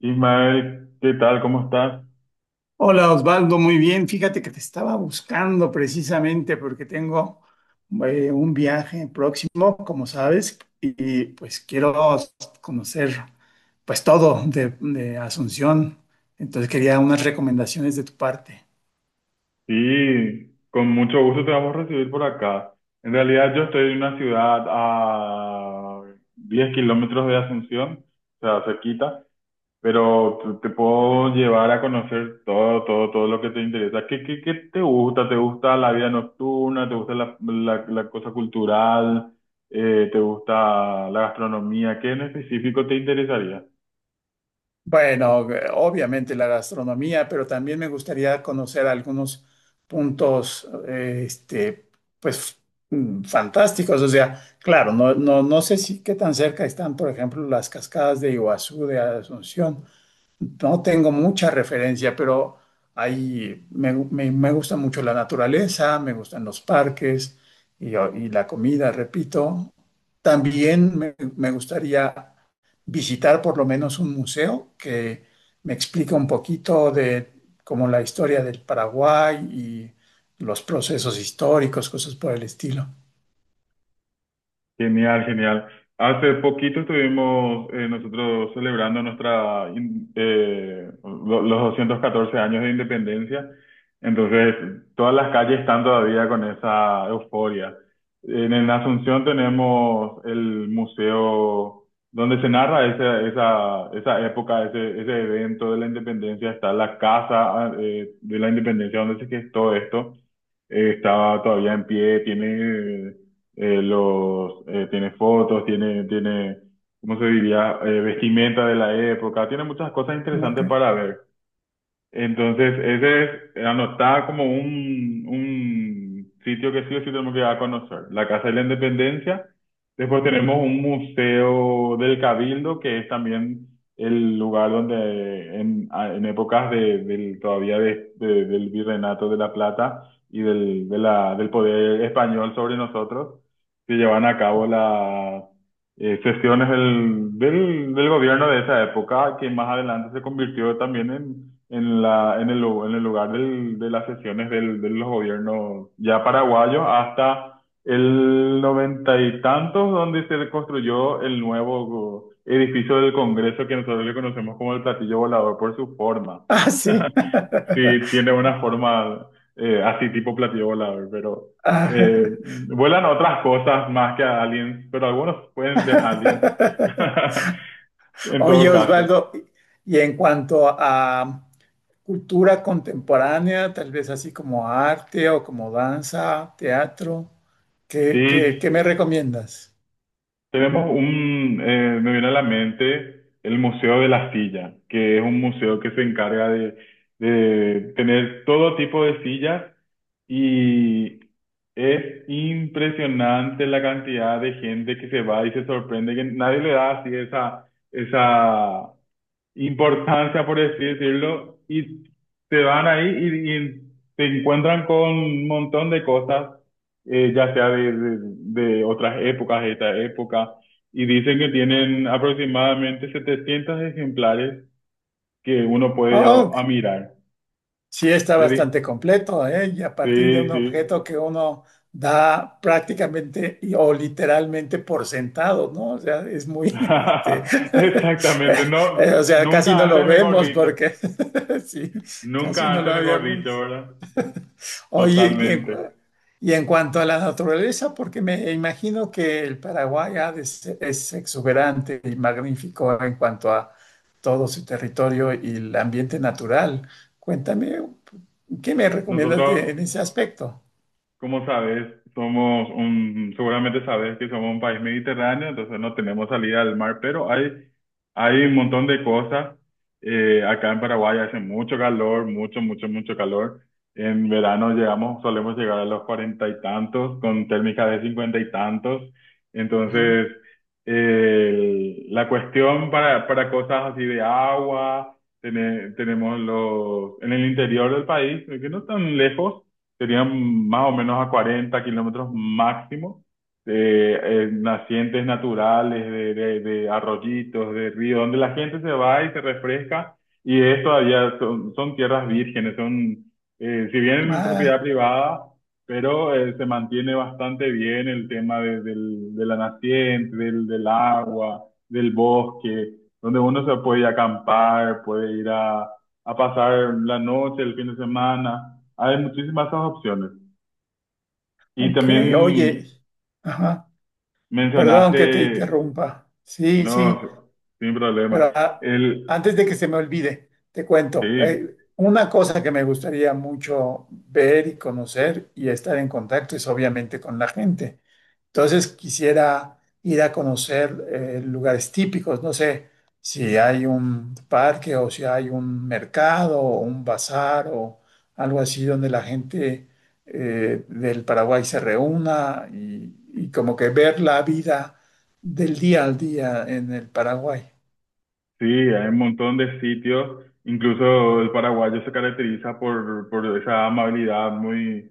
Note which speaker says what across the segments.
Speaker 1: Ismael, ¿qué tal? ¿Cómo estás?
Speaker 2: Hola Osvaldo, muy bien. Fíjate que te estaba buscando precisamente porque tengo un viaje próximo, como sabes, y, pues quiero conocer pues todo de Asunción. Entonces quería unas recomendaciones de tu parte.
Speaker 1: Sí, con mucho gusto te vamos a recibir por acá. En realidad yo estoy en una ciudad a 10 kilómetros de Asunción, o sea, cerquita, pero te puedo llevar a conocer todo, todo, todo lo que te interesa. ¿Qué te gusta? ¿Te gusta la vida nocturna? ¿Te gusta la cosa cultural? ¿Te gusta la gastronomía? ¿Qué en específico te interesaría?
Speaker 2: Bueno, obviamente la gastronomía, pero también me gustaría conocer algunos puntos, este, pues, mm, fantásticos. O sea, claro, no sé si qué tan cerca están, por ejemplo, las cascadas de Iguazú, de Asunción, no tengo mucha referencia, pero ahí me gusta mucho la naturaleza, me gustan los parques y la comida, repito. También me gustaría visitar por lo menos un museo que me explique un poquito de como la historia del Paraguay y los procesos históricos, cosas por el estilo.
Speaker 1: Genial, genial. Hace poquito estuvimos nosotros celebrando nuestra los 214 años de independencia. Entonces, todas las calles están todavía con esa euforia. En Asunción tenemos el museo donde se narra esa época, ese evento de la independencia. Está la casa de la independencia donde se gestó esto. Estaba todavía en pie, tiene fotos, ¿Cómo se diría? Vestimenta de la época, tiene muchas cosas interesantes
Speaker 2: Ok.
Speaker 1: para ver. Entonces, ese es, anotaba como un sitio que sí o sí tenemos que ir a conocer, la Casa de la Independencia. Después tenemos un museo del Cabildo, que es también el lugar donde en épocas todavía del virreinato de La Plata y del poder español sobre nosotros, se llevan a cabo las sesiones del gobierno de esa época, que más adelante se convirtió también en la, en el, lu- en el lugar de las sesiones de los gobiernos ya paraguayos hasta el noventa y tantos, donde se construyó el nuevo edificio del Congreso que nosotros le conocemos como el platillo volador por su forma.
Speaker 2: Ah, sí.
Speaker 1: Sí, tiene una forma así tipo platillo volador, pero eh,
Speaker 2: Ah.
Speaker 1: vuelan otras cosas más que aliens, pero algunos pueden ser aliens en
Speaker 2: Oye,
Speaker 1: todo caso.
Speaker 2: Osvaldo, y en cuanto a cultura contemporánea, tal vez así como arte o como danza, teatro, qué
Speaker 1: Sí,
Speaker 2: me recomiendas?
Speaker 1: Me viene a la mente el Museo de la Silla, que es un museo que se encarga de tener todo tipo de sillas y es impresionante la cantidad de gente que se va y se sorprende que nadie le da así esa importancia, por así decirlo, y se van ahí y te encuentran con un montón de cosas, ya sea de otras épocas, de esta época, y dicen que tienen aproximadamente 700 ejemplares que uno puede ir a,
Speaker 2: Oh,
Speaker 1: a mirar.
Speaker 2: sí, está
Speaker 1: De
Speaker 2: bastante
Speaker 1: dis-
Speaker 2: completo, ¿eh? Y a partir de
Speaker 1: Sí,
Speaker 2: un
Speaker 1: sí.
Speaker 2: objeto que uno da prácticamente y- o literalmente por sentado, ¿no? O sea, es muy, este,
Speaker 1: Exactamente, no,
Speaker 2: o sea, casi
Speaker 1: nunca
Speaker 2: no lo
Speaker 1: antes mejor
Speaker 2: vemos
Speaker 1: dicho,
Speaker 2: porque, sí, casi
Speaker 1: nunca
Speaker 2: no
Speaker 1: antes
Speaker 2: lo
Speaker 1: mejor dicho,
Speaker 2: habíamos.
Speaker 1: ¿verdad?
Speaker 2: Oye,
Speaker 1: Totalmente.
Speaker 2: y en cuanto a la naturaleza, porque me imagino que el Paraguay ha es exuberante y magnífico en cuanto a todo su territorio y el ambiente natural. Cuéntame, ¿qué me recomiendas de- en
Speaker 1: Nosotros
Speaker 2: ese aspecto?
Speaker 1: Como sabes, seguramente sabes que somos un país mediterráneo, entonces no tenemos salida al mar, pero hay un montón de cosas. Acá en Paraguay hace mucho calor, mucho, mucho, mucho calor. En verano solemos llegar a los cuarenta y tantos, con térmicas de cincuenta y tantos.
Speaker 2: Ujú.
Speaker 1: Entonces, la cuestión para cosas así de agua, tenemos en el interior del país, que no tan lejos serían más o menos a 40 kilómetros máximo, de nacientes naturales, de arroyitos, de ríos, donde la gente se va y se refresca, y son tierras vírgenes, son, si bien propiedad
Speaker 2: Ah,
Speaker 1: privada, pero se mantiene bastante bien el tema de la naciente, del agua, del bosque, donde uno se puede ir a acampar, puede ir a pasar la noche, el fin de semana. Hay muchísimas esas opciones. Y
Speaker 2: ok,
Speaker 1: también
Speaker 2: oye, ajá, perdón que te
Speaker 1: mencionaste,
Speaker 2: interrumpa. Sí, sí.
Speaker 1: no, sin problema,
Speaker 2: Pero ah,
Speaker 1: el,
Speaker 2: antes de que se me olvide, te cuento,
Speaker 1: sí,
Speaker 2: una cosa que me gustaría mucho ver y conocer y estar en contacto es obviamente con la gente. Entonces quisiera ir a conocer lugares típicos, no sé si hay un parque o si hay un mercado o un bazar o algo así donde la gente del Paraguay se reúna y como que ver la vida del día al día en el Paraguay.
Speaker 1: sí, hay un montón de sitios, incluso el paraguayo se caracteriza por esa amabilidad muy,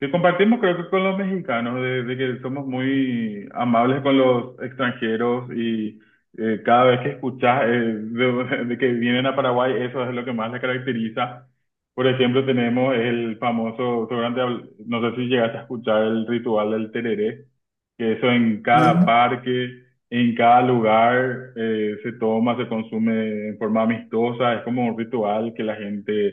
Speaker 1: que compartimos creo que con los mexicanos, de que somos muy amables con los extranjeros y cada vez que escuchas de que vienen a Paraguay, eso es lo que más les caracteriza. Por ejemplo, tenemos el famoso, seguramente no sé si llegaste a escuchar el ritual del tereré, que eso en
Speaker 2: No,
Speaker 1: cada
Speaker 2: no,
Speaker 1: parque, en cada lugar se toma, se consume en forma amistosa, es como un ritual que la gente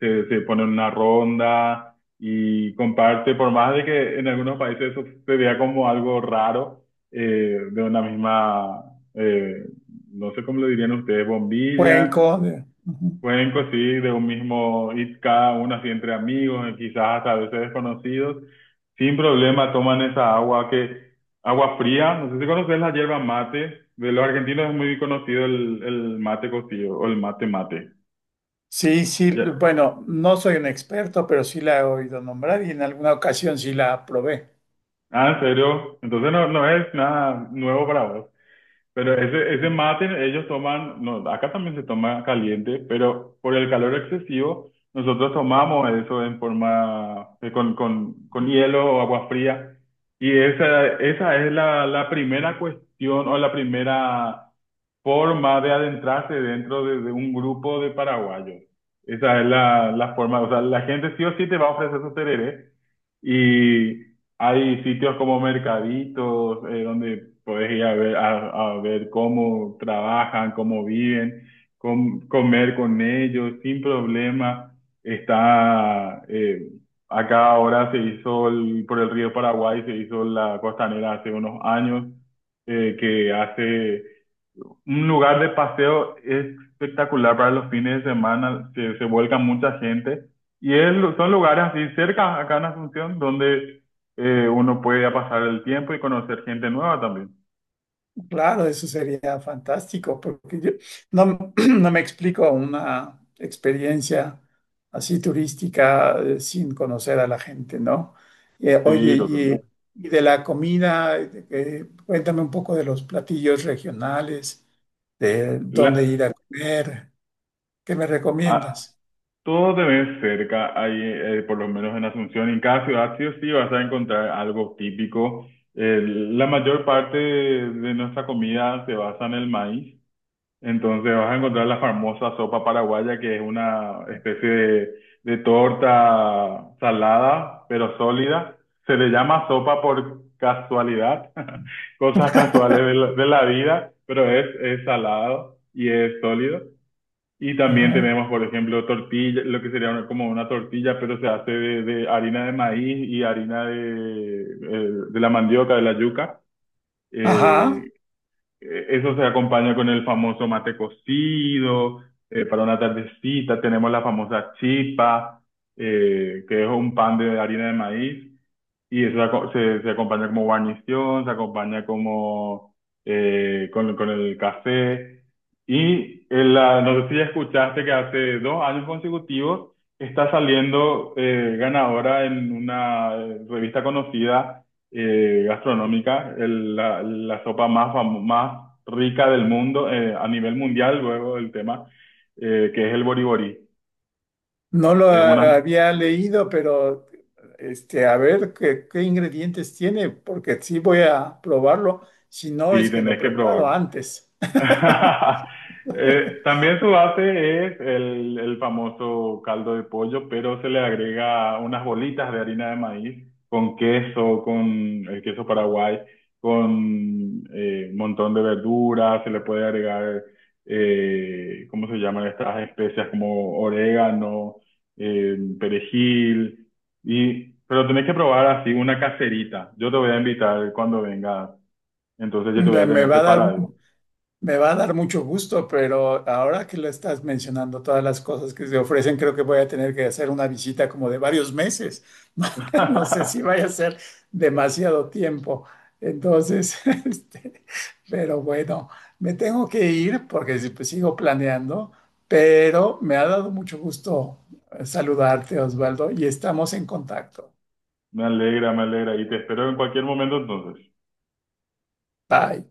Speaker 1: se pone en una ronda y comparte, por más de que en algunos países eso se vea como algo raro, de una misma, eh, no sé cómo lo dirían ustedes, bombilla,
Speaker 2: cuenco. De- ujú.
Speaker 1: cuenco, sí, de un mismo hit cada uno así entre amigos, y quizás hasta a veces desconocidos, sin problema toman esa agua que, agua fría, no sé si conoces la hierba mate, de los argentinos es muy conocido el mate cocido o el mate mate.
Speaker 2: Sí, sí,
Speaker 1: Ya.
Speaker 2: bueno, no soy un experto, pero sí la he oído nombrar y en alguna ocasión sí la probé.
Speaker 1: Ah, en serio, entonces no, no es nada nuevo para vos. Pero ese mate ellos toman, no, acá también se toma caliente, pero por el calor excesivo nosotros tomamos eso en forma, con hielo o agua fría. Y esa es la primera cuestión o la primera forma de adentrarse dentro de un grupo de paraguayos. Esa es la forma, o sea, la gente sí o sí te va a ofrecer su tereré. Y hay sitios como mercaditos, donde puedes ir a ver, a ver cómo trabajan, cómo viven, comer con ellos sin problema. Está, eh, Acá ahora se hizo por el río Paraguay, se hizo la costanera hace unos años, que hace un lugar de paseo espectacular para los fines de semana, que se vuelca mucha gente. Y es son lugares así cerca, acá en Asunción, donde uno puede ya pasar el tiempo y conocer gente nueva también.
Speaker 2: Claro, eso sería fantástico, porque yo no, no me explico una experiencia así turística sin conocer a la gente, ¿no?
Speaker 1: Sí,
Speaker 2: Oye,
Speaker 1: totalmente.
Speaker 2: y de la comida, cuéntame un poco de los platillos regionales, de dónde
Speaker 1: La,
Speaker 2: ir a comer, ¿qué me
Speaker 1: a-
Speaker 2: recomiendas?
Speaker 1: Todo te ves cerca, ahí, por lo menos en Asunción. En cada ciudad sí o sí vas a encontrar algo típico. La mayor parte de nuestra comida se basa en el maíz. Entonces vas a encontrar la famosa sopa paraguaya, que es una especie de torta salada, pero sólida. Se le llama sopa por casualidad, cosas casuales de la vida, pero es salado y es sólido. Y también
Speaker 2: Ajá.
Speaker 1: tenemos, por ejemplo, tortilla, lo que sería como una tortilla, pero se hace de harina de maíz y harina de la mandioca, de la yuca.
Speaker 2: Ajá.
Speaker 1: Eh, Eso se acompaña con el famoso mate cocido, para una tardecita tenemos la famosa chipa, que es un pan de harina de maíz, y eso se acompaña como guarnición, se acompaña como con el café. Y no sé si ya escuchaste que hace 2 años consecutivos está saliendo ganadora en una revista conocida gastronómica, la sopa más rica del mundo a nivel mundial, luego el tema, que es el boriborí.
Speaker 2: No lo
Speaker 1: Es
Speaker 2: ha-
Speaker 1: una,
Speaker 2: había leído, pero este, a ver qué ingredientes tiene, porque sí voy a probarlo. Si no,
Speaker 1: sí,
Speaker 2: es que lo
Speaker 1: tenés que
Speaker 2: preparo
Speaker 1: probar.
Speaker 2: antes.
Speaker 1: También su base es el famoso caldo de pollo, pero se le agrega unas bolitas de harina de maíz con queso, con el queso paraguay, con un montón de verduras, se le puede agregar, ¿cómo se llaman estas especias? Como orégano, perejil, pero tenés que probar así una caserita. Yo te voy a invitar cuando vengas, entonces yo te voy
Speaker 2: Me
Speaker 1: a
Speaker 2: me
Speaker 1: tener
Speaker 2: va a dar
Speaker 1: preparado.
Speaker 2: Me va a dar mucho gusto, pero ahora que lo estás mencionando, todas las cosas que se ofrecen, creo que voy a tener que hacer una visita como de varios meses. No sé si vaya a ser demasiado tiempo. Entonces, este, pero bueno, me tengo que ir porque si- pues, sigo planeando, pero me ha dado mucho gusto saludarte, Osvaldo, y estamos en contacto.
Speaker 1: Me alegra, me alegra. Y te espero en cualquier momento entonces.
Speaker 2: Bye.